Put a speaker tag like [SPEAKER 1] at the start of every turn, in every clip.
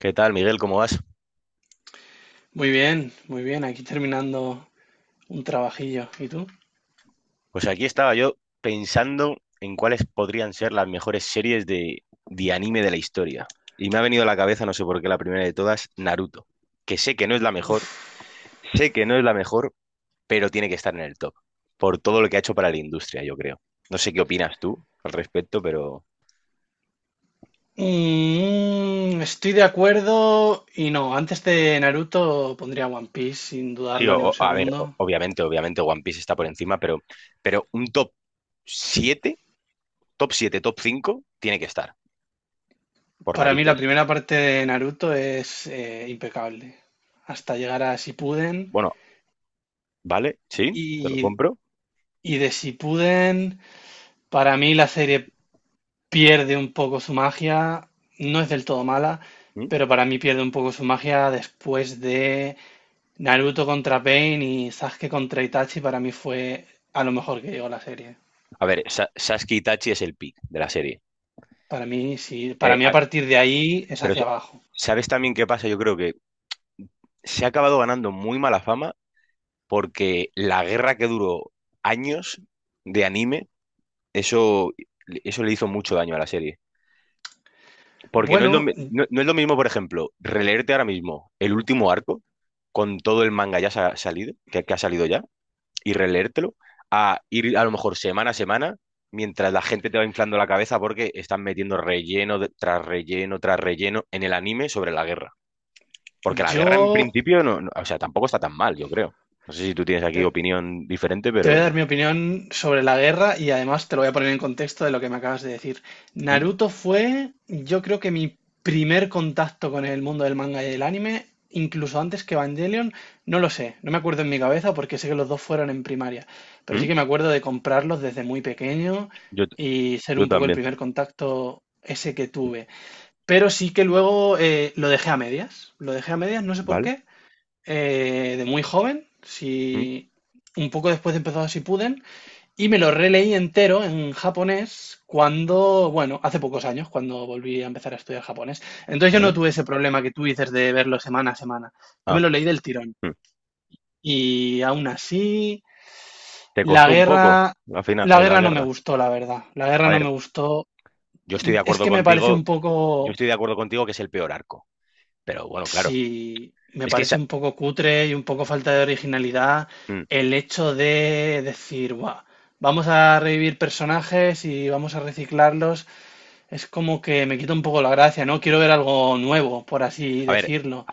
[SPEAKER 1] ¿Qué tal, Miguel? ¿Cómo vas?
[SPEAKER 2] Muy bien, muy bien. Aquí terminando un trabajillo. ¿Y tú?
[SPEAKER 1] Pues aquí estaba yo pensando en cuáles podrían ser las mejores series de anime de la historia. Y me ha venido a la cabeza, no sé por qué, la primera de todas, Naruto. Que sé que no es la mejor,
[SPEAKER 2] Uf.
[SPEAKER 1] sé que no es la mejor, pero tiene que estar en el top. Por todo lo que ha hecho para la industria, yo creo. No sé qué opinas tú al respecto, pero...
[SPEAKER 2] Estoy de acuerdo y no. Antes de Naruto pondría One Piece sin
[SPEAKER 1] Sí,
[SPEAKER 2] dudarlo ni un
[SPEAKER 1] a ver,
[SPEAKER 2] segundo.
[SPEAKER 1] obviamente, obviamente One Piece está por encima, pero un top 7, top 7, top 5, tiene que estar, por
[SPEAKER 2] Para mí la
[SPEAKER 1] narices.
[SPEAKER 2] primera parte de Naruto es impecable. Hasta llegar a Shippuden
[SPEAKER 1] Bueno, ¿vale? Sí, te lo
[SPEAKER 2] y,
[SPEAKER 1] compro.
[SPEAKER 2] y de Shippuden para mí la serie pierde un poco su magia. No es del todo mala,
[SPEAKER 1] ¿Mm?
[SPEAKER 2] pero para mí pierde un poco su magia después de Naruto contra Pain y Sasuke contra Itachi para mí fue a lo mejor que llegó la serie.
[SPEAKER 1] A ver, Sasuke Itachi es el pick de la serie.
[SPEAKER 2] Para mí, sí.
[SPEAKER 1] Eh,
[SPEAKER 2] Para mí a
[SPEAKER 1] a-
[SPEAKER 2] partir de ahí es
[SPEAKER 1] pero
[SPEAKER 2] hacia
[SPEAKER 1] se-
[SPEAKER 2] abajo.
[SPEAKER 1] ¿Sabes también qué pasa? Yo creo que se ha acabado ganando muy mala fama porque la guerra que duró años de anime, eso, eso le hizo mucho daño a la serie. Porque
[SPEAKER 2] Bueno,
[SPEAKER 1] no, no es lo mismo, por ejemplo, releerte ahora mismo el último arco con todo el manga ya salido, que ha salido ya, y releértelo a ir a lo mejor semana a semana mientras la gente te va inflando la cabeza porque están metiendo relleno tras relleno tras relleno en el anime sobre la guerra. Porque la guerra en
[SPEAKER 2] yo
[SPEAKER 1] principio o sea, tampoco está tan mal, yo creo. No sé si tú tienes aquí
[SPEAKER 2] te-
[SPEAKER 1] opinión diferente,
[SPEAKER 2] te voy a
[SPEAKER 1] pero
[SPEAKER 2] dar mi opinión sobre la guerra y además te lo voy a poner en contexto de lo que me acabas de decir.
[SPEAKER 1] ¿Mm?
[SPEAKER 2] Naruto fue, yo creo que mi primer contacto con el mundo del manga y del anime, incluso antes que Evangelion, no lo sé, no me acuerdo en mi cabeza porque sé que los dos fueron en primaria, pero
[SPEAKER 1] ¿Mm?
[SPEAKER 2] sí que me acuerdo de comprarlos desde muy pequeño
[SPEAKER 1] Yo, t-
[SPEAKER 2] y ser
[SPEAKER 1] yo
[SPEAKER 2] un poco el
[SPEAKER 1] también,
[SPEAKER 2] primer contacto ese que tuve. Pero sí que luego lo dejé a medias, lo dejé a medias, no sé por
[SPEAKER 1] ¿vale?
[SPEAKER 2] qué, de muy joven,
[SPEAKER 1] ¿Mm?
[SPEAKER 2] si un poco después de empezado Si puden y me lo releí entero en japonés cuando, bueno, hace pocos años, cuando volví a empezar a estudiar japonés. Entonces yo no
[SPEAKER 1] ¿Vale?
[SPEAKER 2] tuve ese problema que tú dices de verlo semana a semana. Yo me
[SPEAKER 1] Ah,
[SPEAKER 2] lo leí del tirón.
[SPEAKER 1] ¿Mm?
[SPEAKER 2] Y aún así,
[SPEAKER 1] ¿Te
[SPEAKER 2] la
[SPEAKER 1] costó un poco
[SPEAKER 2] guerra,
[SPEAKER 1] al final
[SPEAKER 2] la
[SPEAKER 1] la
[SPEAKER 2] guerra no me
[SPEAKER 1] guerra?
[SPEAKER 2] gustó, la verdad. La guerra
[SPEAKER 1] A
[SPEAKER 2] no
[SPEAKER 1] ver,
[SPEAKER 2] me gustó.
[SPEAKER 1] yo estoy de
[SPEAKER 2] Es
[SPEAKER 1] acuerdo
[SPEAKER 2] que me parece
[SPEAKER 1] contigo,
[SPEAKER 2] un
[SPEAKER 1] yo
[SPEAKER 2] poco.
[SPEAKER 1] estoy de acuerdo contigo que es el peor arco, pero bueno, claro,
[SPEAKER 2] Sí, me
[SPEAKER 1] es que
[SPEAKER 2] parece un poco cutre y un poco falta de originalidad
[SPEAKER 1] ¿Mm?
[SPEAKER 2] el hecho de decir, "Buah, vamos a revivir personajes y vamos a reciclarlos. Es como que me quita un poco la gracia, ¿no? Quiero ver algo nuevo, por así
[SPEAKER 1] A ver,
[SPEAKER 2] decirlo.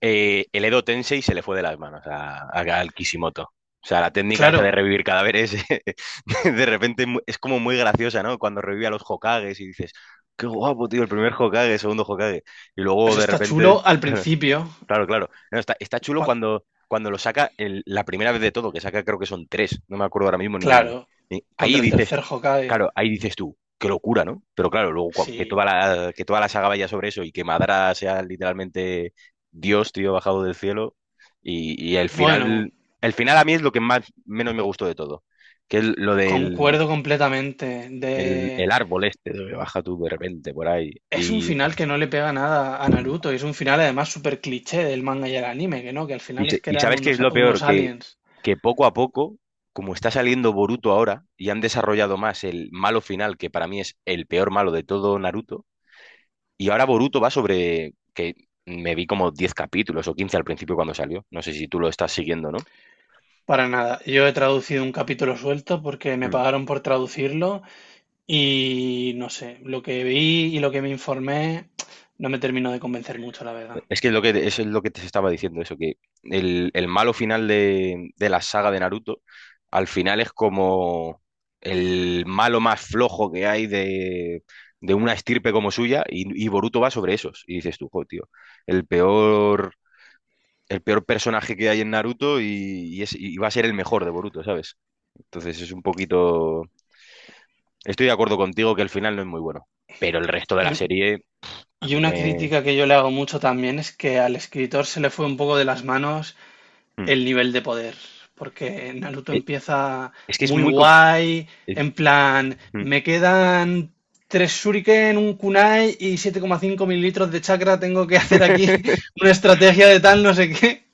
[SPEAKER 1] el Edo Tensei se le fue de las manos a, al Kishimoto. O sea, la técnica esa de
[SPEAKER 2] Claro,
[SPEAKER 1] revivir cadáveres, de repente es como muy graciosa, ¿no? Cuando revive a los Hokages y dices, qué guapo, tío, el primer Hokage, el segundo Hokage. Y luego
[SPEAKER 2] eso
[SPEAKER 1] de
[SPEAKER 2] está chulo
[SPEAKER 1] repente,
[SPEAKER 2] al
[SPEAKER 1] claro,
[SPEAKER 2] principio.
[SPEAKER 1] claro. Claro. No, está, está chulo
[SPEAKER 2] cua-
[SPEAKER 1] cuando, cuando lo saca la primera vez de todo, que saca creo que son tres, no me acuerdo ahora mismo ni...
[SPEAKER 2] Claro,
[SPEAKER 1] ni... Ahí
[SPEAKER 2] contra el
[SPEAKER 1] dices,
[SPEAKER 2] tercer Hokage.
[SPEAKER 1] claro, ahí dices tú, qué locura, ¿no? Pero claro, luego
[SPEAKER 2] Sí.
[SPEAKER 1] que toda la saga vaya sobre eso y que Madara sea literalmente Dios, tío, bajado del cielo. Y
[SPEAKER 2] Bueno,
[SPEAKER 1] el final a mí es lo que más menos me gustó de todo, que es lo del
[SPEAKER 2] concuerdo completamente de.
[SPEAKER 1] el árbol este, donde baja tú de repente por ahí.
[SPEAKER 2] Es un
[SPEAKER 1] Y,
[SPEAKER 2] final que no le pega nada a
[SPEAKER 1] mm,
[SPEAKER 2] Naruto y es un final además súper cliché del manga y el anime, que no, que al
[SPEAKER 1] y,
[SPEAKER 2] final es que
[SPEAKER 1] y
[SPEAKER 2] eran
[SPEAKER 1] sabes qué es
[SPEAKER 2] unos,
[SPEAKER 1] lo peor,
[SPEAKER 2] unos aliens.
[SPEAKER 1] que poco a poco, como está saliendo Boruto ahora y han desarrollado más el malo final, que para mí es el peor malo de todo Naruto. Y ahora Boruto va sobre que me vi como 10 capítulos o 15 al principio cuando salió. No sé si tú lo estás siguiendo, ¿no?
[SPEAKER 2] Para nada. Yo he traducido un capítulo suelto porque me
[SPEAKER 1] Mm.
[SPEAKER 2] pagaron por traducirlo y no sé, lo que vi y lo que me informé no me terminó de convencer mucho, la verdad.
[SPEAKER 1] Es que es lo que, eso es lo que te estaba diciendo, eso, que el malo final de la saga de Naruto, al final es como el malo más flojo que hay de una estirpe como suya, y Boruto va sobre esos. Y dices tú, "Jo, tío, el peor, el peor personaje que hay en Naruto y es, y va a ser el mejor de Boruto, ¿sabes? Entonces es un poquito. Estoy de acuerdo contigo que el final no es muy bueno, pero el resto de
[SPEAKER 2] Y,
[SPEAKER 1] la
[SPEAKER 2] un-
[SPEAKER 1] serie a
[SPEAKER 2] y
[SPEAKER 1] mí
[SPEAKER 2] una
[SPEAKER 1] me...
[SPEAKER 2] crítica que yo le hago mucho también es que al escritor se le fue un poco de las manos
[SPEAKER 1] Mm.
[SPEAKER 2] el nivel de poder. Porque Naruto
[SPEAKER 1] Eh,
[SPEAKER 2] empieza
[SPEAKER 1] Es que es
[SPEAKER 2] muy
[SPEAKER 1] muy...
[SPEAKER 2] guay,
[SPEAKER 1] eh,
[SPEAKER 2] en plan,
[SPEAKER 1] mm.
[SPEAKER 2] me quedan tres shuriken, un kunai y 7,5 mililitros de chakra, tengo que hacer aquí una estrategia de tal, no sé qué.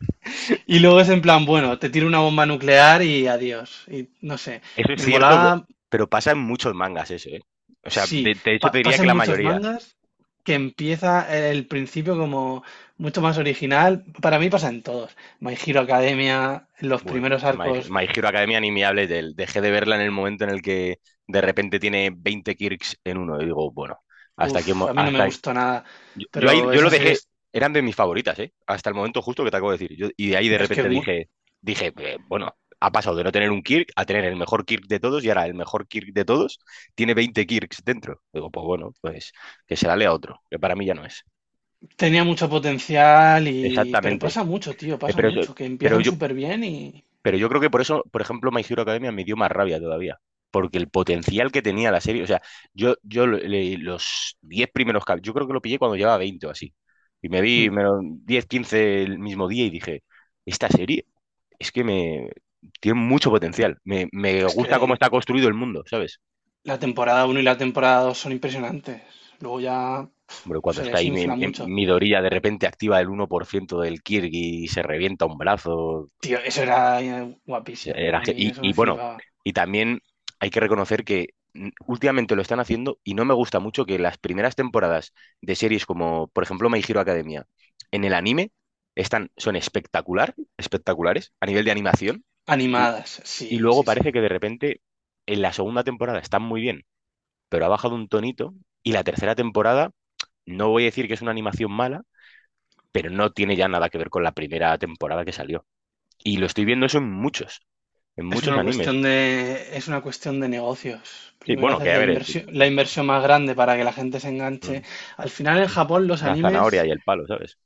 [SPEAKER 2] Y luego es en plan, bueno, te tiro una bomba nuclear y adiós. Y no sé,
[SPEAKER 1] Eso es
[SPEAKER 2] me
[SPEAKER 1] cierto,
[SPEAKER 2] molaba,
[SPEAKER 1] pero pasa en muchos mangas eso, ¿eh? O sea,
[SPEAKER 2] sí,
[SPEAKER 1] de hecho te diría que
[SPEAKER 2] pasan
[SPEAKER 1] la
[SPEAKER 2] muchos
[SPEAKER 1] mayoría.
[SPEAKER 2] mangas que empieza el principio como mucho más original. Para mí pasa en todos. My Hero Academia, los
[SPEAKER 1] Bueno,
[SPEAKER 2] primeros arcos.
[SPEAKER 1] My Hero Academia ni me hables de él. Dejé de verla en el momento en el que de repente tiene 20 kirks en uno. Y digo, bueno, hasta
[SPEAKER 2] Uf,
[SPEAKER 1] aquí hemos,
[SPEAKER 2] a mí no me
[SPEAKER 1] hasta...
[SPEAKER 2] gustó nada,
[SPEAKER 1] Yo ahí
[SPEAKER 2] pero
[SPEAKER 1] yo lo
[SPEAKER 2] esa serie
[SPEAKER 1] dejé,
[SPEAKER 2] es,
[SPEAKER 1] eran de mis favoritas, ¿eh? Hasta el momento justo que te acabo de decir. Y de ahí de
[SPEAKER 2] es que es
[SPEAKER 1] repente
[SPEAKER 2] mu-
[SPEAKER 1] dije, dije, bueno, ha pasado de no tener un Kirk a tener el mejor Kirk de todos y ahora el mejor Kirk de todos tiene 20 Kirks dentro. Digo, pues bueno, pues que se la lea otro, que para mí ya no es.
[SPEAKER 2] tenía mucho potencial y... Pero
[SPEAKER 1] Exactamente.
[SPEAKER 2] pasa mucho, tío,
[SPEAKER 1] Eh,
[SPEAKER 2] pasa
[SPEAKER 1] Pero, eso-
[SPEAKER 2] mucho, que
[SPEAKER 1] pero
[SPEAKER 2] empiezan
[SPEAKER 1] yo...
[SPEAKER 2] súper bien y...
[SPEAKER 1] Pero yo creo que por eso, por ejemplo, My Hero Academia me dio más rabia todavía. Porque el potencial que tenía la serie, o sea, yo, los 10 primeros yo creo que lo pillé cuando llevaba 20 o así. Y me vi
[SPEAKER 2] Hmm.
[SPEAKER 1] me lo- 10, 15 el mismo día y dije, esta serie es que me tiene mucho potencial. Me
[SPEAKER 2] Es
[SPEAKER 1] gusta cómo
[SPEAKER 2] que
[SPEAKER 1] está construido el mundo, ¿sabes?
[SPEAKER 2] la temporada uno y la temporada 2 son impresionantes. Luego ya pf,
[SPEAKER 1] Hombre, cuando
[SPEAKER 2] se
[SPEAKER 1] está ahí mi, mi
[SPEAKER 2] desinfla mucho.
[SPEAKER 1] Midoriya de repente activa el uno por ciento del Kirby y se revienta un brazo,
[SPEAKER 2] Tío, eso era
[SPEAKER 1] sí,
[SPEAKER 2] guapísimo,
[SPEAKER 1] era
[SPEAKER 2] a mí eso
[SPEAKER 1] y
[SPEAKER 2] me
[SPEAKER 1] bueno,
[SPEAKER 2] flipaba.
[SPEAKER 1] y también hay que reconocer que últimamente lo están haciendo y no me gusta mucho que las primeras temporadas de series como, por ejemplo, My Hero Academia, en el anime, están, son espectacular, espectaculares a nivel de animación y,
[SPEAKER 2] Animadas,
[SPEAKER 1] y
[SPEAKER 2] sí,
[SPEAKER 1] luego
[SPEAKER 2] sí, sí.
[SPEAKER 1] parece que de repente en la segunda temporada están muy bien, pero ha bajado un tonito y la tercera temporada, no voy a decir que es una animación mala, pero no tiene ya nada que ver con la primera temporada que salió. Y lo estoy viendo eso en
[SPEAKER 2] Es
[SPEAKER 1] muchos
[SPEAKER 2] una
[SPEAKER 1] animes.
[SPEAKER 2] cuestión de, es una cuestión de negocios.
[SPEAKER 1] Sí,
[SPEAKER 2] Primero
[SPEAKER 1] bueno, que
[SPEAKER 2] haces
[SPEAKER 1] a ver,
[SPEAKER 2] la inversión más grande para que la gente se
[SPEAKER 1] mm,
[SPEAKER 2] enganche. Al final en
[SPEAKER 1] mm,
[SPEAKER 2] Japón los
[SPEAKER 1] la zanahoria
[SPEAKER 2] animes...
[SPEAKER 1] y el palo, ¿sabes?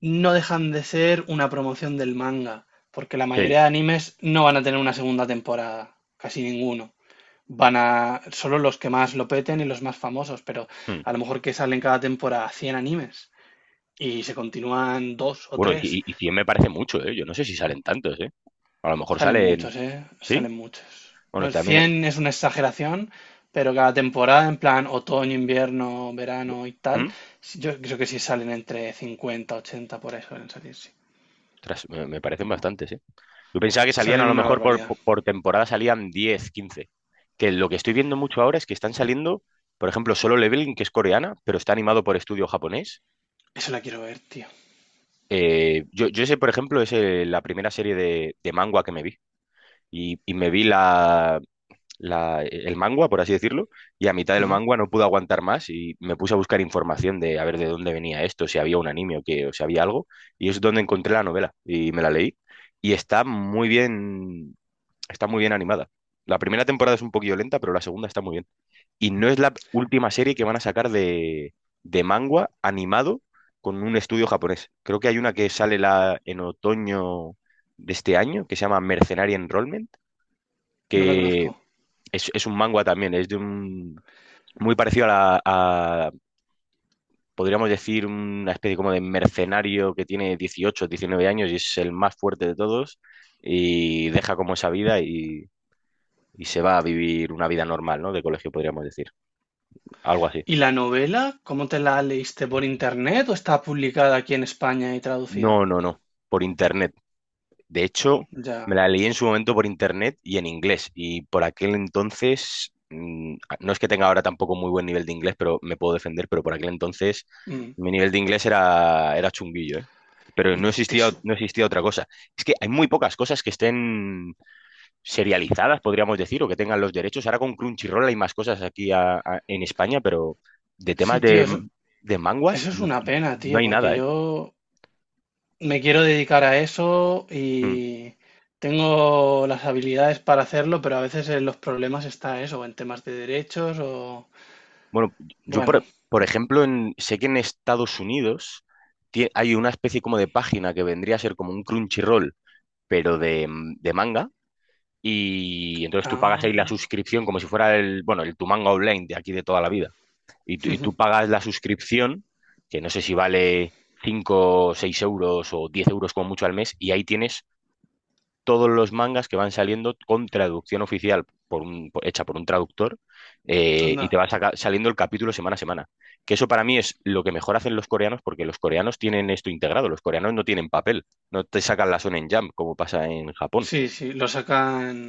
[SPEAKER 2] no dejan de ser una promoción del manga, porque la
[SPEAKER 1] Sí.
[SPEAKER 2] mayoría de animes no van a tener una segunda temporada, casi ninguno. Van a solo los que más lo peten y los más famosos, pero
[SPEAKER 1] Mm.
[SPEAKER 2] a lo mejor que salen cada temporada 100 animes y se continúan dos o
[SPEAKER 1] Bueno, y,
[SPEAKER 2] tres.
[SPEAKER 1] y y 100 me parece mucho, ¿eh? Yo no sé si salen tantos, ¿eh? A lo mejor
[SPEAKER 2] Salen
[SPEAKER 1] salen...
[SPEAKER 2] muchos, ¿eh?
[SPEAKER 1] ¿Sí?
[SPEAKER 2] Salen muchos. No,
[SPEAKER 1] Bueno, también...
[SPEAKER 2] 100 es una exageración, pero cada temporada, en plan otoño, invierno, verano y tal,
[SPEAKER 1] ¿Mm?
[SPEAKER 2] yo creo que sí salen entre 50 80 por ahí suelen salir, sí.
[SPEAKER 1] Ostras, me parecen bastantes, ¿eh? Yo pensaba que salían a
[SPEAKER 2] Salen
[SPEAKER 1] lo
[SPEAKER 2] una
[SPEAKER 1] mejor por,
[SPEAKER 2] barbaridad.
[SPEAKER 1] por por temporada salían 10, 15. Que lo que estoy viendo mucho ahora es que están saliendo, por ejemplo, Solo Leveling, que es coreana, pero está animado por estudio japonés.
[SPEAKER 2] Eso la quiero ver, tío.
[SPEAKER 1] Yo, yo ese, por ejemplo, es la primera serie de manga que me vi. Y me vi el mangua, por así decirlo, y a mitad del
[SPEAKER 2] Ujú.
[SPEAKER 1] mangua no pude aguantar más y me puse a buscar información de a ver de dónde venía esto, si había un anime o que, o si había algo, y es donde encontré la novela y me la leí y está muy bien animada. La primera temporada es un poquillo lenta, pero la segunda está muy bien. Y no es la última serie que van a sacar de manga animado con un estudio japonés. Creo que hay una que sale en otoño de este año que se llama Mercenary Enrollment,
[SPEAKER 2] No la
[SPEAKER 1] que
[SPEAKER 2] conozco.
[SPEAKER 1] es un manga también, es de un muy parecido a, a, podríamos decir, una especie como de mercenario que tiene 18 19 años y es el más fuerte de todos y deja como esa vida y se va a vivir una vida normal, ¿no? De colegio, podríamos decir. Algo así.
[SPEAKER 2] ¿Y la novela? ¿Cómo te la leíste? ¿Por internet o está publicada aquí en España y
[SPEAKER 1] No,
[SPEAKER 2] traducida?
[SPEAKER 1] no, no. Por internet. De hecho, me
[SPEAKER 2] Ya.
[SPEAKER 1] la leí en su momento por internet y en inglés. Y por aquel entonces, mm, no es que tenga ahora tampoco muy buen nivel de inglés, pero me puedo defender, pero por aquel entonces
[SPEAKER 2] Mm.
[SPEAKER 1] mi nivel de inglés era, era chunguillo, ¿eh? Pero
[SPEAKER 2] Y
[SPEAKER 1] no
[SPEAKER 2] te te
[SPEAKER 1] existía,
[SPEAKER 2] su-
[SPEAKER 1] no existía otra cosa. Es que hay muy pocas cosas que estén serializadas, podríamos decir, o que tengan los derechos. Ahora con Crunchyroll hay más cosas aquí en España, pero de
[SPEAKER 2] Sí,
[SPEAKER 1] temas
[SPEAKER 2] tío, eso,
[SPEAKER 1] de manguas
[SPEAKER 2] eso es
[SPEAKER 1] no,
[SPEAKER 2] una pena,
[SPEAKER 1] no
[SPEAKER 2] tío,
[SPEAKER 1] hay
[SPEAKER 2] porque
[SPEAKER 1] nada, ¿eh?
[SPEAKER 2] yo me quiero dedicar a eso
[SPEAKER 1] Mm.
[SPEAKER 2] y tengo las habilidades para hacerlo, pero a veces en los problemas está eso, en temas de derechos o...
[SPEAKER 1] Bueno, yo
[SPEAKER 2] Bueno.
[SPEAKER 1] por ejemplo sé que en Estados Unidos hay una especie como de página que vendría a ser como un Crunchyroll, pero de, mm, de manga. Y entonces tú pagas ahí la
[SPEAKER 2] Ah,
[SPEAKER 1] suscripción como si fuera el, bueno, el tu manga online de aquí de toda la vida. Y, y tú pagas la suscripción, que no sé si vale 5 6 euros o 10 euros como mucho al mes, y ahí tienes todos los mangas que van saliendo con traducción oficial hecha por un traductor y
[SPEAKER 2] anda.
[SPEAKER 1] te va saliendo el capítulo semana a semana. Que eso para mí es lo que mejor hacen los coreanos porque los coreanos tienen esto integrado, los coreanos no tienen papel, no te sacan la Shonen Jump como pasa en Japón.
[SPEAKER 2] Sí, sí, lo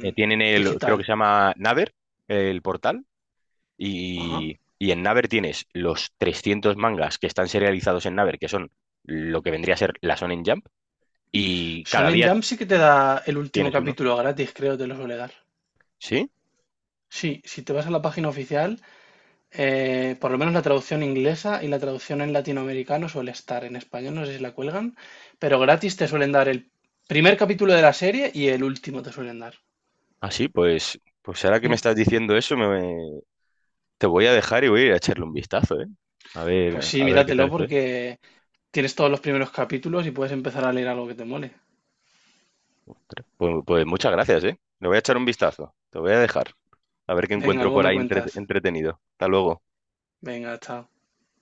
[SPEAKER 1] Tienen el, creo que
[SPEAKER 2] digital.
[SPEAKER 1] se llama Naver, el portal,
[SPEAKER 2] Ajá.
[SPEAKER 1] y en Naver tienes los 300 mangas que están serializados en Naver, que son lo que vendría a ser la Shonen Jump, y cada
[SPEAKER 2] Shonen
[SPEAKER 1] día
[SPEAKER 2] Jump sí que te da el último
[SPEAKER 1] tienes uno.
[SPEAKER 2] capítulo gratis, creo, te lo suele dar.
[SPEAKER 1] ¿Sí?
[SPEAKER 2] Sí, si te vas a la página oficial, por lo menos la traducción inglesa y la traducción en latinoamericano suele estar en español, no sé si la cuelgan, pero gratis te suelen dar el primer capítulo de la serie y el último te suelen dar.
[SPEAKER 1] Así, pues, pues ahora que me
[SPEAKER 2] Mm.
[SPEAKER 1] estás diciendo eso, me, te voy a dejar y voy a ir a echarle un vistazo, ¿eh?
[SPEAKER 2] Pues sí,
[SPEAKER 1] A ver qué tal
[SPEAKER 2] míratelo
[SPEAKER 1] estoy.
[SPEAKER 2] porque tienes todos los primeros capítulos y puedes empezar a leer algo que te mole.
[SPEAKER 1] Pues, pues muchas gracias, ¿eh? Le voy a echar un vistazo. Te voy a dejar. A ver qué
[SPEAKER 2] Venga,
[SPEAKER 1] encuentro
[SPEAKER 2] luego
[SPEAKER 1] por
[SPEAKER 2] me
[SPEAKER 1] ahí
[SPEAKER 2] cuentas.
[SPEAKER 1] entretenido. Hasta luego.
[SPEAKER 2] Venga, chao.